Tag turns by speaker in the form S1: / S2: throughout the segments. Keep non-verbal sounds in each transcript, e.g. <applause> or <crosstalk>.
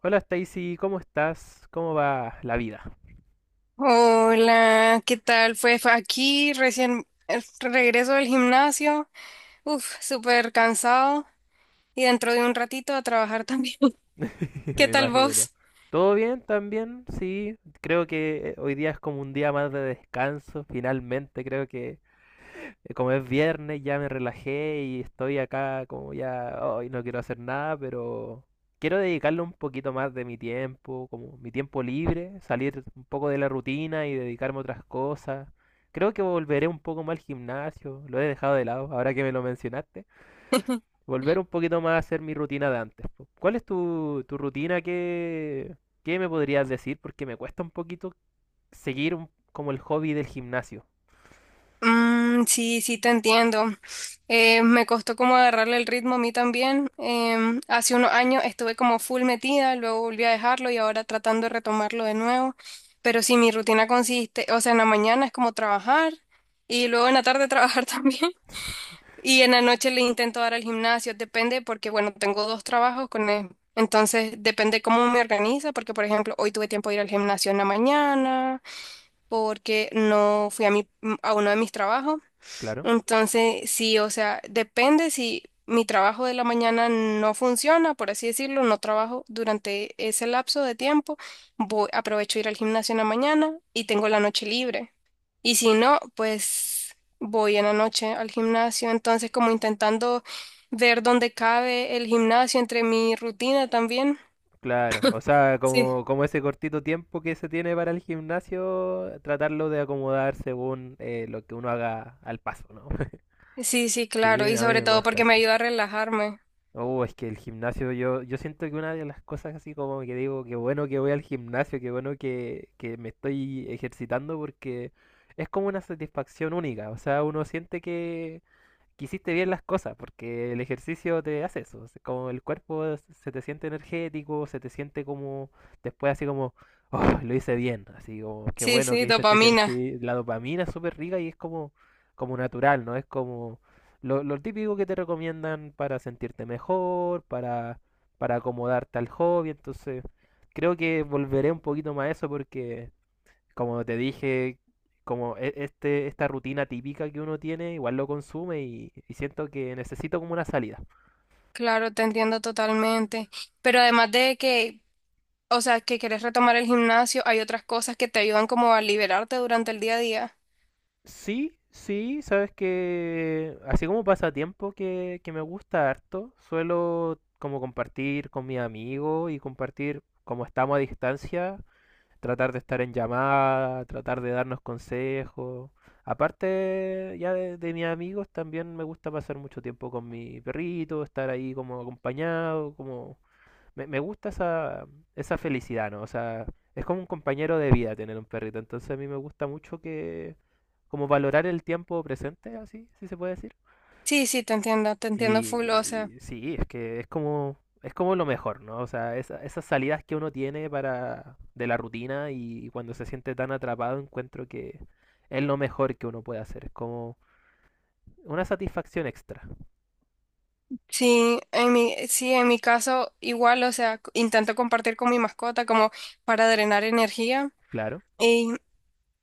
S1: Hola Stacy, ¿cómo estás? ¿Cómo va la vida?
S2: Hola, ¿qué tal? Pues fue aquí recién regreso del gimnasio, uf, súper cansado y dentro de un ratito a trabajar también. <laughs>
S1: <laughs>
S2: ¿Qué
S1: Me
S2: tal
S1: imagino.
S2: vos?
S1: ¿Todo bien también? Sí, creo que hoy día es como un día más de descanso, finalmente. Creo que como es viernes ya me relajé y estoy acá como ya, hoy no quiero hacer nada, pero quiero dedicarle un poquito más de mi tiempo, como mi tiempo libre, salir un poco de la rutina y dedicarme a otras cosas. Creo que volveré un poco más al gimnasio, lo he dejado de lado ahora que me lo mencionaste.
S2: <laughs>
S1: Volver un poquito más a hacer mi rutina de antes. Po. ¿Cuál es tu rutina? ¿Qué, qué me podrías decir? Porque me cuesta un poquito como el hobby del gimnasio.
S2: Mm, sí, sí, te entiendo. Me costó como agarrarle el ritmo a mí también. Hace unos años estuve como full metida, luego volví a dejarlo y ahora tratando de retomarlo de nuevo. Pero sí, mi rutina consiste, o sea, en la mañana es como trabajar y luego en la tarde trabajar <laughs> también. Y en la noche le intento dar al gimnasio, depende porque, bueno, tengo dos trabajos con él. Entonces, depende cómo me organiza, porque, por ejemplo, hoy tuve tiempo de ir al gimnasio en la mañana, porque no fui a, mi, a uno de mis trabajos.
S1: Claro.
S2: Entonces, sí, o sea, depende si mi trabajo de la mañana no funciona, por así decirlo, no trabajo durante ese lapso de tiempo, voy, aprovecho ir al gimnasio en la mañana y tengo la noche libre. Y si no, pues voy en la noche al gimnasio. Entonces, como intentando ver dónde cabe el gimnasio entre mi rutina también.
S1: Claro, o sea,
S2: Sí.
S1: como ese cortito tiempo que se tiene para el gimnasio, tratarlo de acomodar según lo que uno haga al paso, ¿no? <laughs>
S2: Sí, sí,
S1: Sí,
S2: claro. Y
S1: a mí
S2: sobre
S1: me
S2: todo
S1: cuesta
S2: porque
S1: eso.
S2: me ayuda a relajarme.
S1: Oh, es que el gimnasio, yo siento que una de las cosas así como que digo, qué bueno que voy al gimnasio, qué bueno que me estoy ejercitando porque es como una satisfacción única, o sea, uno siente que hiciste bien las cosas, porque el ejercicio te hace eso, es como se te siente energético, se te siente como después así como, oh, lo hice bien, así como, qué
S2: Sí,
S1: bueno
S2: sí,
S1: que hice este
S2: dopamina.
S1: ejercicio, la dopamina es súper rica y es como, como natural, ¿no? Es como lo típico que te recomiendan para sentirte mejor, para acomodarte al hobby, entonces creo que volveré un poquito más a eso porque... Como te dije, como este, esta rutina típica que uno tiene, igual lo consume y siento que necesito como una salida.
S2: Claro, te entiendo totalmente. Pero además de que, o sea, que quieres retomar el gimnasio, hay otras cosas que te ayudan como a liberarte durante el día a día.
S1: Sí, sí, sabes que así como pasatiempo que me gusta harto, suelo como compartir con mi amigo y compartir como estamos a distancia, tratar de estar en llamada, tratar de darnos consejos. Aparte ya de mis amigos, también me gusta pasar mucho tiempo con mi perrito, estar ahí como acompañado, como me gusta esa, esa felicidad, ¿no? O sea, es como un compañero de vida tener un perrito. Entonces a mí me gusta mucho que, como valorar el tiempo presente, así, si se puede decir.
S2: Sí, sí, te entiendo full, o sea.
S1: Y, y sí, es que es como lo mejor, ¿no? O sea, esas salidas que uno tiene para, de la rutina y cuando se siente tan atrapado, encuentro que es lo mejor que uno puede hacer. Es como una satisfacción extra,
S2: Sí, en mi caso igual, o sea, intento compartir con mi mascota como para drenar energía
S1: claro.
S2: y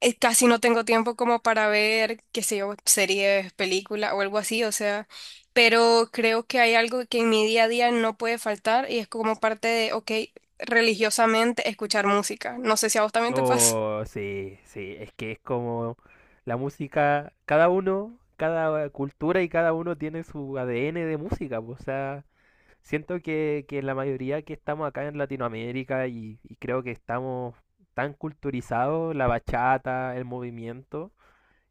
S2: casi no tengo tiempo como para ver, qué sé yo, series, películas o algo así, o sea, pero creo que hay algo que en mi día a día no puede faltar y es como parte de, ok, religiosamente escuchar música. No sé si a vos también te pasa. <laughs>
S1: Oh, sí, sí, es que es como la música, cada uno, cada cultura y cada uno tiene su ADN de música, pues, o sea, siento que la mayoría que estamos acá en Latinoamérica y creo que estamos tan culturizados, la bachata, el movimiento,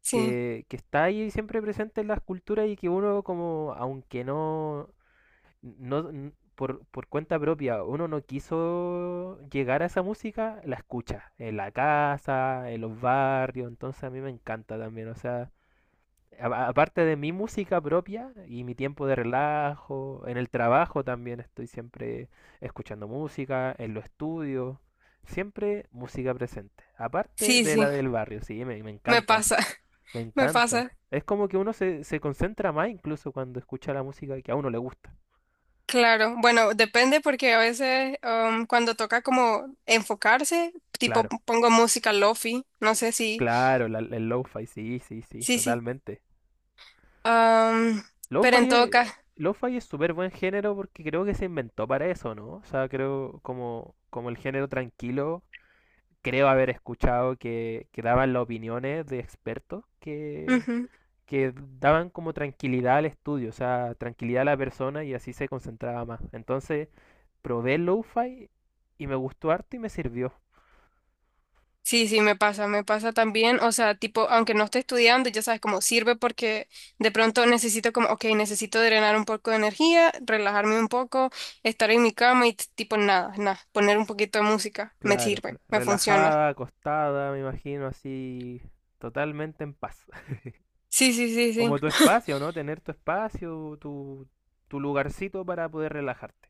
S2: Sí,
S1: que está ahí siempre presente en las culturas y que uno como, aunque no, no, n- por cuenta propia, uno no quiso llegar a esa música, la escucha en la casa, en los barrios, entonces a mí me encanta también, o sea, aparte de mi música propia y mi tiempo de relajo, en el trabajo también estoy siempre escuchando música, en los estudios, siempre música presente, aparte
S2: sí,
S1: de la
S2: sí,
S1: del barrio, sí, me
S2: me
S1: encanta,
S2: pasa,
S1: me
S2: <laughs> me
S1: encanta.
S2: pasa.
S1: Es como que uno se concentra más incluso cuando escucha la música que a uno le gusta,
S2: Claro, bueno, depende porque a veces cuando toca como enfocarse, tipo
S1: claro.
S2: pongo música lofi, no sé si,
S1: Claro, la- el lo-fi, sí, sí, sí,
S2: sí, sí,
S1: totalmente.
S2: um, pero en todo caso,
S1: Lo-fi es súper buen género porque creo que se inventó para eso, ¿no? O sea, creo como, como el género tranquilo, creo haber escuchado que daban las opiniones de expertos
S2: ujú,
S1: que daban como tranquilidad al estudio, o sea, tranquilidad a la persona y así se concentraba más. Entonces, probé el lo-fi y me gustó harto y me sirvió.
S2: sí, sí, me pasa también, o sea, tipo, aunque no esté estudiando, ya sabes cómo sirve porque de pronto necesito como, ok, necesito drenar un poco de energía, relajarme un poco, estar en mi cama y tipo nada, poner un poquito de música, me
S1: Claro,
S2: sirve, me funciona.
S1: relajada, acostada, me imagino así, totalmente en paz.
S2: Sí, sí, sí, sí.
S1: Como tu espacio, ¿no? Tener tu espacio, tu lugarcito para poder relajarte.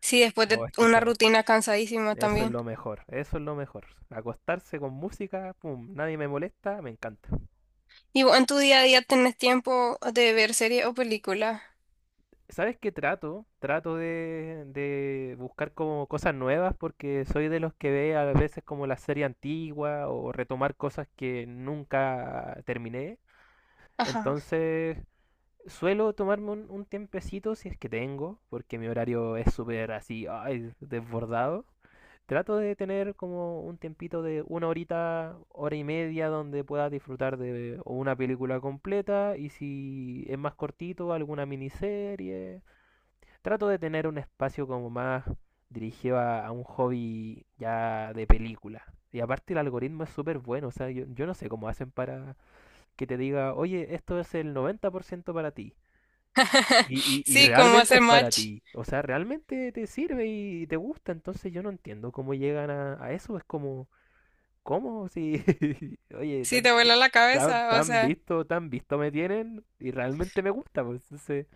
S2: Sí, después
S1: Oh,
S2: de
S1: es que
S2: una
S1: eso,
S2: rutina cansadísima
S1: eso es
S2: también.
S1: lo mejor, eso es lo mejor. Acostarse con música, pum, nadie me molesta, me encanta.
S2: Y vos en tu día a día tenés tiempo de ver series o películas.
S1: ¿Sabes qué trato? Trato de buscar como cosas nuevas porque soy de los que ve a veces como la serie antigua o retomar cosas que nunca terminé.
S2: Ajá.
S1: Entonces, suelo tomarme un tiempecito si es que tengo, porque mi horario es súper así, ay, desbordado. Trato de tener como un tiempito de una horita, hora y media donde pueda disfrutar de o una película completa y si es más cortito, alguna miniserie. Trato de tener un espacio como más dirigido a un hobby ya de película. Y aparte el algoritmo es súper bueno, o sea, yo no sé cómo hacen para que te diga, oye, esto es el 90% para ti. Y
S2: Sí, como
S1: realmente
S2: hacer
S1: es para
S2: match.
S1: ti, o sea, realmente te sirve y te gusta, entonces yo no entiendo cómo llegan a eso, es como, ¿cómo? Si, <laughs> oye,
S2: Sí,
S1: tan,
S2: te vuela la
S1: tan,
S2: cabeza. O
S1: tan
S2: sea,
S1: visto, tan visto me tienen y realmente me gusta, pues entonces,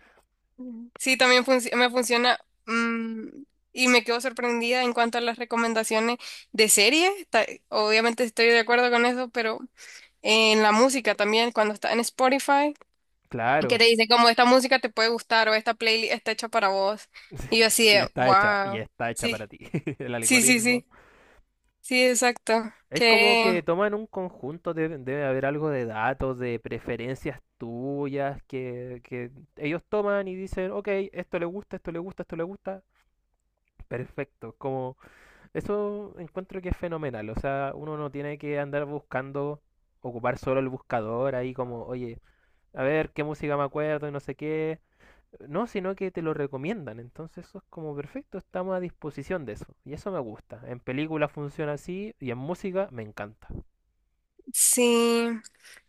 S2: ujú, sí, también me funciona. mm, y me quedo sorprendida en cuanto a las recomendaciones de series. Obviamente estoy de acuerdo con eso, pero en la música también, cuando está en Spotify, que
S1: claro,
S2: te dice como esta música te puede gustar o esta playlist está hecha para vos. Y yo así de,
S1: y
S2: wow.
S1: está hecha
S2: Sí,
S1: para ti, <laughs> el
S2: sí, sí,
S1: algoritmo.
S2: sí. Sí, exacto.
S1: Es como
S2: Que
S1: que toman un conjunto, debe haber algo de datos, de preferencias tuyas, que ellos toman y dicen, ok, esto le gusta, esto le gusta, esto le gusta, perfecto, como eso encuentro que es fenomenal. O sea, uno no tiene que andar buscando, ocupar solo el buscador ahí como, oye, a ver qué música me acuerdo y no sé qué. No, sino que te lo recomiendan. Entonces eso es como perfecto, estamos a disposición de eso. Y eso me gusta. En películas funciona así y en música me encanta.
S2: sí,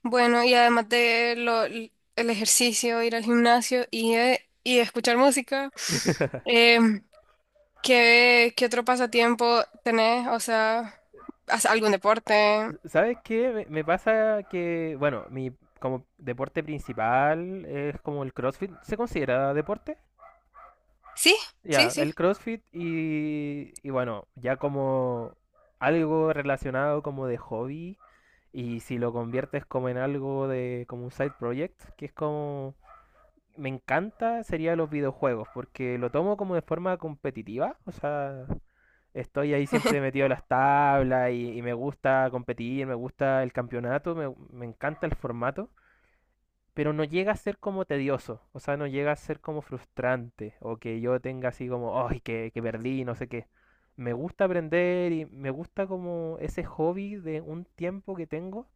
S2: bueno, y además de lo, el ejercicio, ir al gimnasio y escuchar música, em, ¿qué, qué otro pasatiempo tenés? O sea, ¿haces algún deporte?
S1: ¿Sabes qué? Me pasa que, bueno, mi como deporte principal es como el CrossFit. ¿Se considera deporte?
S2: Sí,
S1: Ya,
S2: sí, sí.
S1: el CrossFit y bueno, ya como algo relacionado como de hobby y si lo conviertes como en algo de como un side project, que es como me encanta, sería los videojuegos, porque lo tomo como de forma competitiva, o sea, estoy ahí siempre
S2: <laughs>
S1: metido en las tablas y me gusta competir, me gusta el campeonato, me encanta el formato pero no llega a ser como tedioso, o sea, no llega a ser como frustrante o que yo tenga así como, ay, que perdí, no sé qué. Me gusta aprender y me gusta como ese hobby de un tiempo que tengo,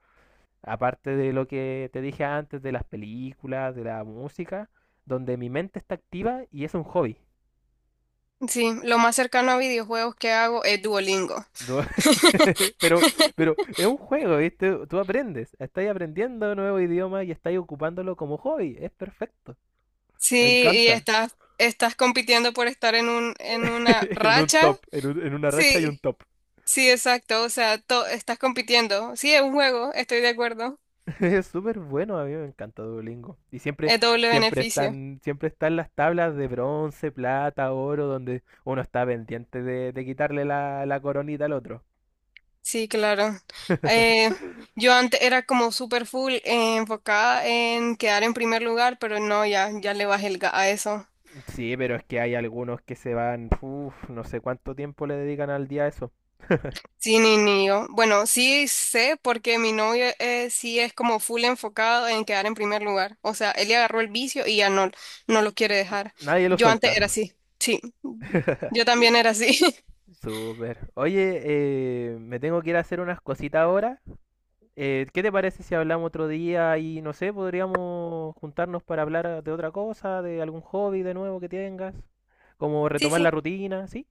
S1: aparte de lo que te dije antes de las películas, de la música, donde mi mente está activa y es un hobby.
S2: Sí, lo más cercano a videojuegos que hago es Duolingo.
S1: Do- <laughs> Pero, pero es un juego, ¿viste? Tú aprendes, estás aprendiendo un nuevo idioma y estás ocupándolo como hobby, es perfecto.
S2: Sí,
S1: Me
S2: y
S1: encanta.
S2: estás, estás compitiendo por estar en un, en una
S1: <laughs> En un
S2: racha.
S1: top, en, en una racha y un
S2: Sí,
S1: top.
S2: sí, exacto. O sea, estás compitiendo. Sí, es un juego, estoy de acuerdo.
S1: <laughs> Es súper bueno, a mí me encanta Duolingo. Y siempre,
S2: Es doble beneficio.
S1: siempre están las tablas de bronce, plata, oro, donde uno está pendiente de quitarle la coronita al otro.
S2: Sí, claro. Eh,
S1: <laughs>
S2: yo antes era como super full enfocada en quedar en primer lugar, pero no, ya, ya le bajé el a eso.
S1: Sí, pero es que hay algunos que se van, uf, no sé cuánto tiempo le dedican al día a eso.
S2: Sí, ni, ni yo. Bueno, sí sé porque mi novio sí es como full enfocado en quedar en primer lugar. O sea, él le agarró el vicio y ya no, no lo quiere dejar.
S1: Nadie lo
S2: Yo
S1: suelta.
S2: antes era así. Sí, yo
S1: <laughs>
S2: también era así. <laughs>
S1: Súper. Oye, me tengo que ir a hacer unas cositas ahora. ¿Qué te parece si hablamos otro día y no sé, podríamos juntarnos para hablar de otra cosa, de algún hobby de nuevo que tengas? Como
S2: Sí,
S1: retomar la
S2: sí.
S1: rutina, ¿sí?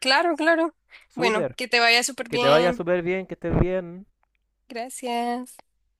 S2: Claro, claro. Bueno,
S1: Súper.
S2: que te vaya súper
S1: Que te vaya
S2: bien.
S1: súper bien, que estés bien.
S2: Gracias.